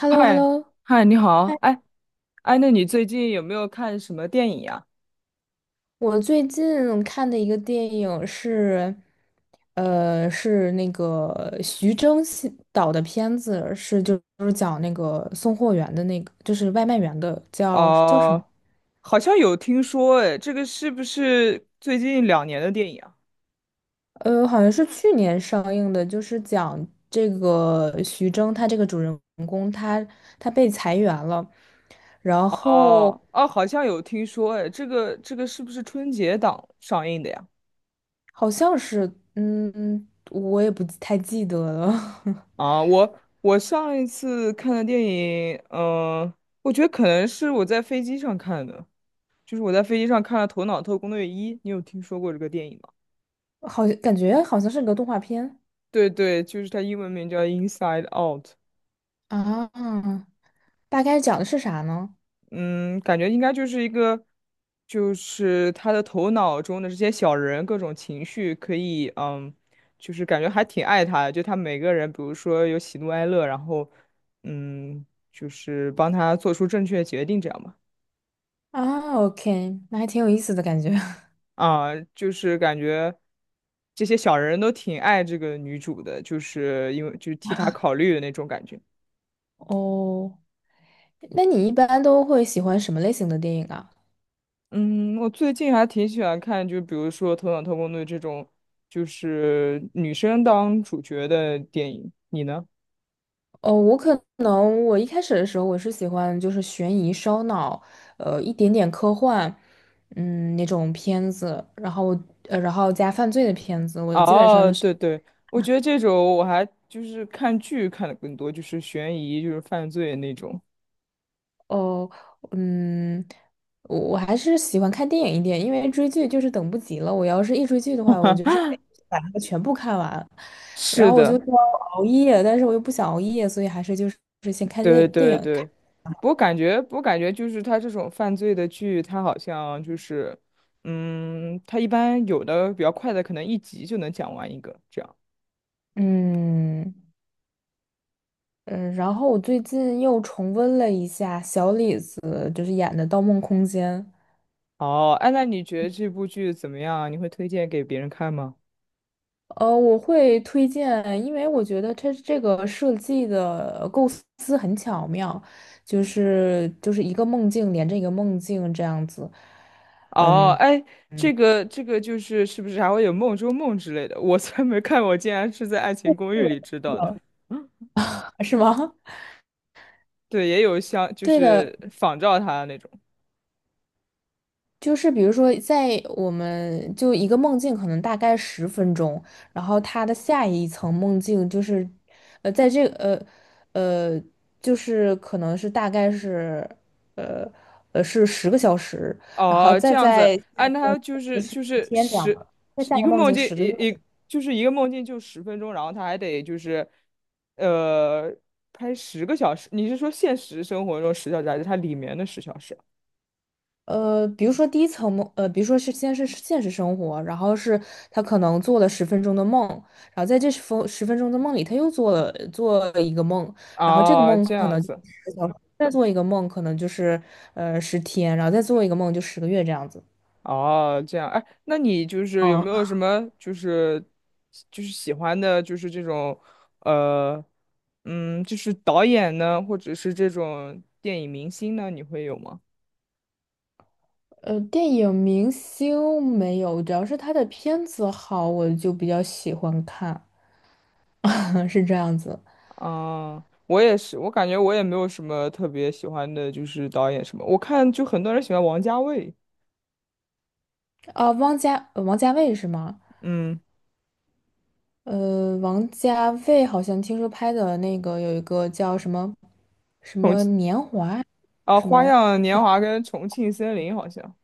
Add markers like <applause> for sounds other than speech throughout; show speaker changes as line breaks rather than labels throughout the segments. h e l l o h e l l
嗨，
o
嗨，你好，
嗨！
哎，哎，那你最近有没有看什么电影呀？
我最近看的一个电影是，是那个徐峥系导的片子，是就是讲那个送货员的那个，就是外卖员的，叫什么？
哦、好像有听说，哎，这个是不是最近两年的电影啊？
好像是去年上映的，就是讲这个徐峥他这个主人公他被裁员了，然后
哦，哦，好像有听说，哎，这个是不是春节档上映的呀？
好像是，我也不太记得了。
啊，我上一次看的电影，嗯、我觉得可能是我在飞机上看的，就是我在飞机上看了《头脑特工队一》，你有听说过这个电影吗？
<laughs> 好像感觉好像是个动画片。
对对，就是它英文名叫《Inside Out》。
啊，大概讲的是啥呢？
嗯，感觉应该就是一个，就是他的头脑中的这些小人各种情绪可以，嗯，就是感觉还挺爱他的。就他每个人，比如说有喜怒哀乐，然后，嗯，就是帮他做出正确的决定这样吧。
啊，OK，那还挺有意思的感觉。<laughs>
啊，就是感觉这些小人都挺爱这个女主的，就是因为就是替她考虑的那种感觉。
哦，那你一般都会喜欢什么类型的电影啊？
嗯，我最近还挺喜欢看，就比如说《头脑特工队》这种，就是女生当主角的电影。你呢？
哦，我可能我一开始的时候我是喜欢就是悬疑、烧脑，一点点科幻，那种片子，然后加犯罪的片子，我基本上
哦，
就是。
对对，我觉得这种我还就是看剧看的更多，就是悬疑，就是犯罪那种。
哦，嗯，我还是喜欢看电影一点，因为追剧就是等不及了。我要是一追剧的话，我就是得把它全部看完，然
是
后我就
的，
说熬夜，但是我又不想熬夜，所以还是就是是先看
对
电电
对
影看。
对。我感觉，我感觉就是他这种犯罪的剧，他好像就是，嗯，他一般有的比较快的，可能一集就能讲完一个这样。
嗯嗯，然后我最近又重温了一下小李子就是演的《盗梦空间》。
哦，哎，那你觉得这部剧怎么样啊？你会推荐给别人看吗？
我会推荐，因为我觉得它这个设计的构思很巧妙，就是一个梦境连着一个梦境这样子。
哦，
嗯，
哎，这个就是是不是还会有《梦中梦》之类的？我才没看过我竟然是在《爱情公寓》
是
里知道的。
的。 <laughs> 是吗？<laughs>
对，也有像就
对的，
是仿照他的那种。
就是比如说，在我们就一个梦境可能大概十分钟，然后它的下一层梦境就是，在这个呃，就是可能是大概是呃是10个小时，然后
哦，这
再
样子，
在下
哎，
一
那
个梦
他就
境就
是
是
就
十
是
天这样
十
的，再下一
一
个
个
梦
梦
境
境，
十个月。
一就是一个梦境就十分钟，然后他还得就是呃拍十个小时。你是说现实生活中十小时，还是它里面的十小时
比如说第一层梦，比如说是先是现实生活，然后是他可能做了十分钟的梦，然后在这十分钟的梦里，他又做了一个梦，然后这个
啊？哦，
梦
这
可
样
能就
子。
是小时再做一个梦，可能就是十天，然后再做一个梦就十个月这样子。
哦，这样，哎，那你就是有
哦，
没有什么就是喜欢的，就是这种呃，嗯，就是导演呢，或者是这种电影明星呢，你会有吗？
电影明星没有，主要是他的片子好，我就比较喜欢看，<laughs> 是这样子。
啊、我也是，我感觉我也没有什么特别喜欢的，就是导演什么，我看就很多人喜欢王家卫，
啊、王家卫是吗？
嗯，
王家卫好像听说拍的那个有一个叫什么什
重
么
庆
年华啊，
啊，
什
《花
么，
样年华》跟《重庆森林》好像，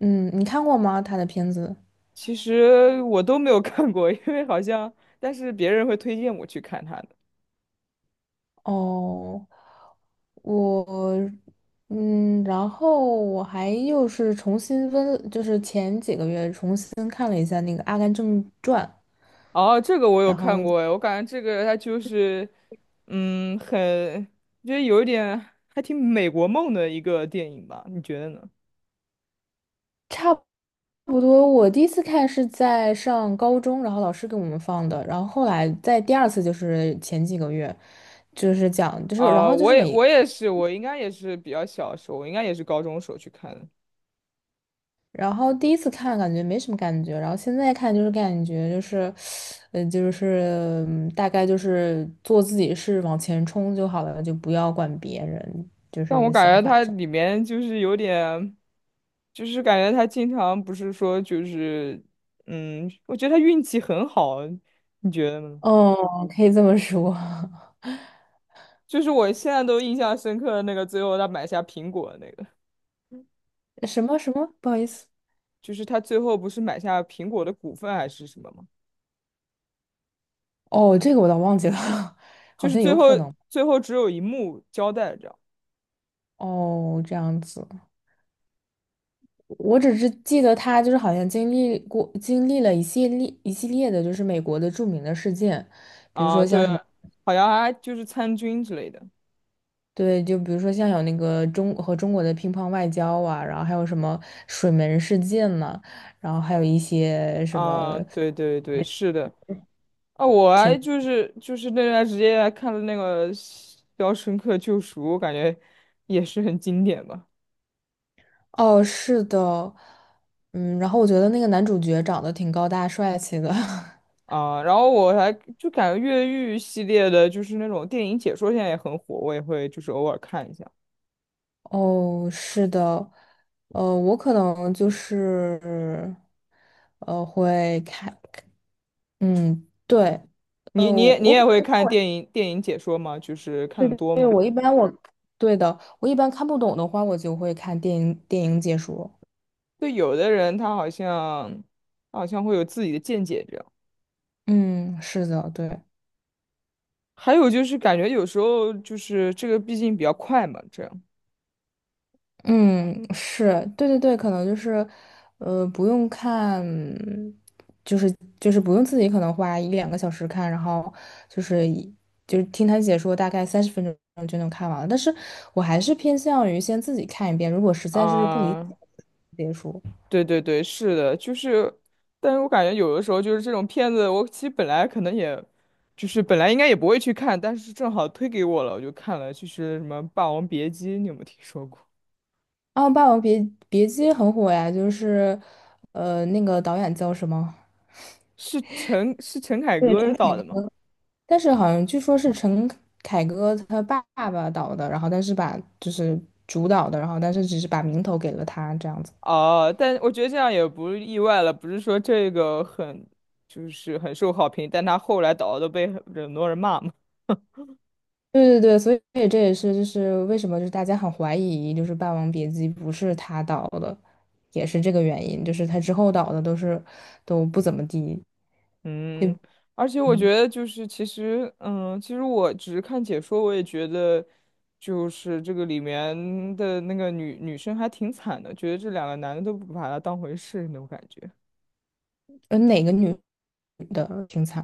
嗯，你看过吗？他的片子？
其实我都没有看过，因为好像但是别人会推荐我去看他的。
哦，我，然后我还又是重新温，就是前几个月重新看了一下那个《阿甘正传》，
哦，这个我有
然
看
后。
过哎，我感觉这个它就是，嗯，很，就是有一点还挺美国梦的一个电影吧？你觉得呢？
差不多，我第一次看是在上高中，然后老师给我们放的，然后后来在第二次就是前几个月，就是讲就是然
啊、
后就
我
是
也
每
我也是，我应该也是比较小的时候，我应该也是高中时候去看的，
然后第一次看感觉没什么感觉，然后现在看就是感觉就是，就是大概就是做自己事往前冲就好了，就不要管别人，就
但我
是
感
想
觉
法
它
这。
里面就是有点，就是感觉他经常不是说就是，嗯，我觉得他运气很好，你觉得呢？
哦，可以这么说。<laughs>
就是我现在都印象深刻的那个，最后他买下苹果的那个。
什么什么？不好意思。
就是他最后不是买下苹果的股份还是什么吗？
哦，这个我倒忘记了，<laughs>
就
好
是
像
最
有
后
可能。
只有一幕交代着。
哦，这样子，我只是记得他就是好像经历了一系列一系列的，就是美国的著名的事件，比如
啊，
说像
对，
什么，
好像还就是参军之类的
对，就比如说像有那个中国的乒乓外交啊，然后还有什么水门事件呐、然后还有一些什么
啊，对对对，是的啊，我还
挺，
就是就是那段时间还看了那个《肖申克救赎》，我感觉也是很经典吧
哦，是的。嗯，然后我觉得那个男主角长得挺高大帅气的。<laughs>
啊，然后我还就感觉越狱系列的，就是那种电影解说现在也很火，我也会就是偶尔看一下。
哦，是的，我可能就是，会看，嗯，对，
你你也你
我
也
可
会看电影解说吗？就是看
能
的
是
多
对，
吗？
我一般我，对的，我一般看不懂的话，我就会看电影解说。
对，有的人他好像，他好像会有自己的见解，这样。
嗯，是的，对。
还有就是感觉有时候就是这个毕竟比较快嘛，这样
嗯，是，对对对，可能就是，不用看，就是就是不用自己可能花一两个小时看，然后就是一就是听他解说，大概30分钟就能看完了。但是我还是偏向于先自己看一遍，如果实在是不理解，
啊，
别说。
对对对，是的，就是，但是我感觉有的时候就是这种片子，我其实本来可能也，就是本来应该也不会去看，但是正好推给我了，我就看了，就是什么《霸王别姬》，你有没有听说过？
啊，《霸王别姬》很火呀，就是，那个导演叫什么？
陈凯
对，
歌导的吗？
但是好像据说是陈凯歌他爸爸导的，然后但是把就是主导的，然后但是只是把名头给了他这样子。
哦，但我觉得这样也不意外了，不是说这个很就是很受好评，但他后来导都被很多人骂嘛。
对对对，所以这也是就是为什么就是大家很怀疑就是《霸王别姬》不是他导的，也是这个原因，就是他之后导的都是都不怎么地。
嗯，而且我
嗯，
觉得就是其实，嗯，其实我只是看解说，我也觉得就是这个里面的那个女生还挺惨的，觉得这两个男的都不把她当回事那种感觉，
哪个女主挺惨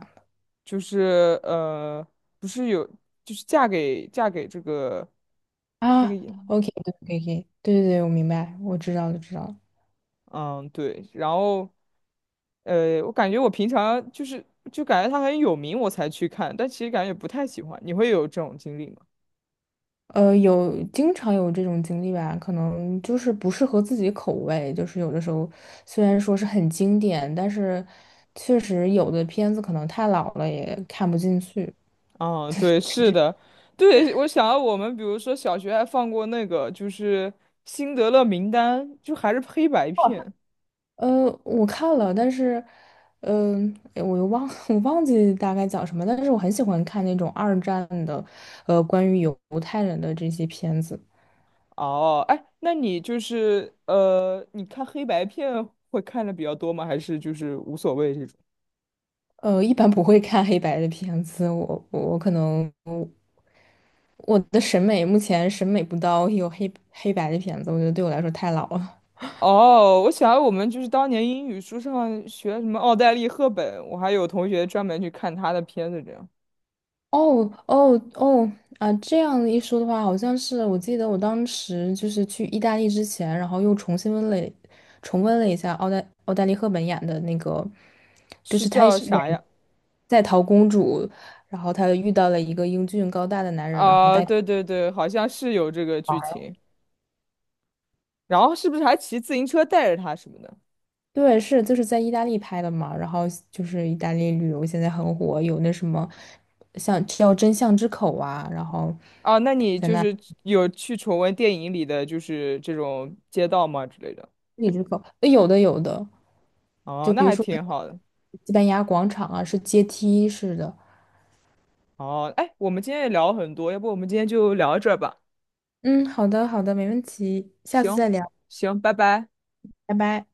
就是不是有就是嫁给这个那个
啊
演，
？OK，对，可以可以对对对，我明白，我知道了知道了。
嗯，对，然后。我感觉我平常就是就感觉他很有名，我才去看，但其实感觉不太喜欢。你会有这种经历吗？
有经常有这种经历吧，可能就是不适合自己口味，就是有的时候虽然说是很经典，但是确实有的片子可能太老了也看不进去。
啊，对，是的，对，我想到我们比如说小学还放过那个就是《辛德勒名单》，就还是黑白片。
我看了，但是，诶我又忘 <laughs> 我忘记大概讲什么，但是我很喜欢看那种二战的，关于犹太人的这些片子。
哦，哎，那你就是你看黑白片会看的比较多吗？还是就是无所谓这种？
一般不会看黑白的片子，我可能。我的审美目前审美不到有黑白的片子，我觉得对我来说太老了。
哦，我想我们就是当年英语书上学什么奥黛丽·赫本，我还有同学专门去看她的片子这样。
哦哦哦啊！这样一说的话，好像是我记得我当时就是去意大利之前，然后又重温了一下奥黛丽·赫本演的那个，就
是
是她
叫
是演
啥呀？
在逃公主，然后她遇到了一个英俊高大的男人，然后
啊、
带。
对对对，好像是有这个剧情。然后是不是还骑自行车带着他什么的？
对，是就是在意大利拍的嘛，然后就是意大利旅游现在很火，有那什么像叫真相之口啊，然后
啊，那你
在
就
那
是有去重温电影里的就是这种街道吗之类的？
里之口，有的有的，
哦，
就
那
比如
还
说
挺好的。
西班牙广场啊，是阶梯式的。
哦，哎，我们今天也聊了很多，要不我们今天就聊到这儿吧？
嗯，好的好的，没问题，下次
行，
再聊。
行，拜拜。
拜拜。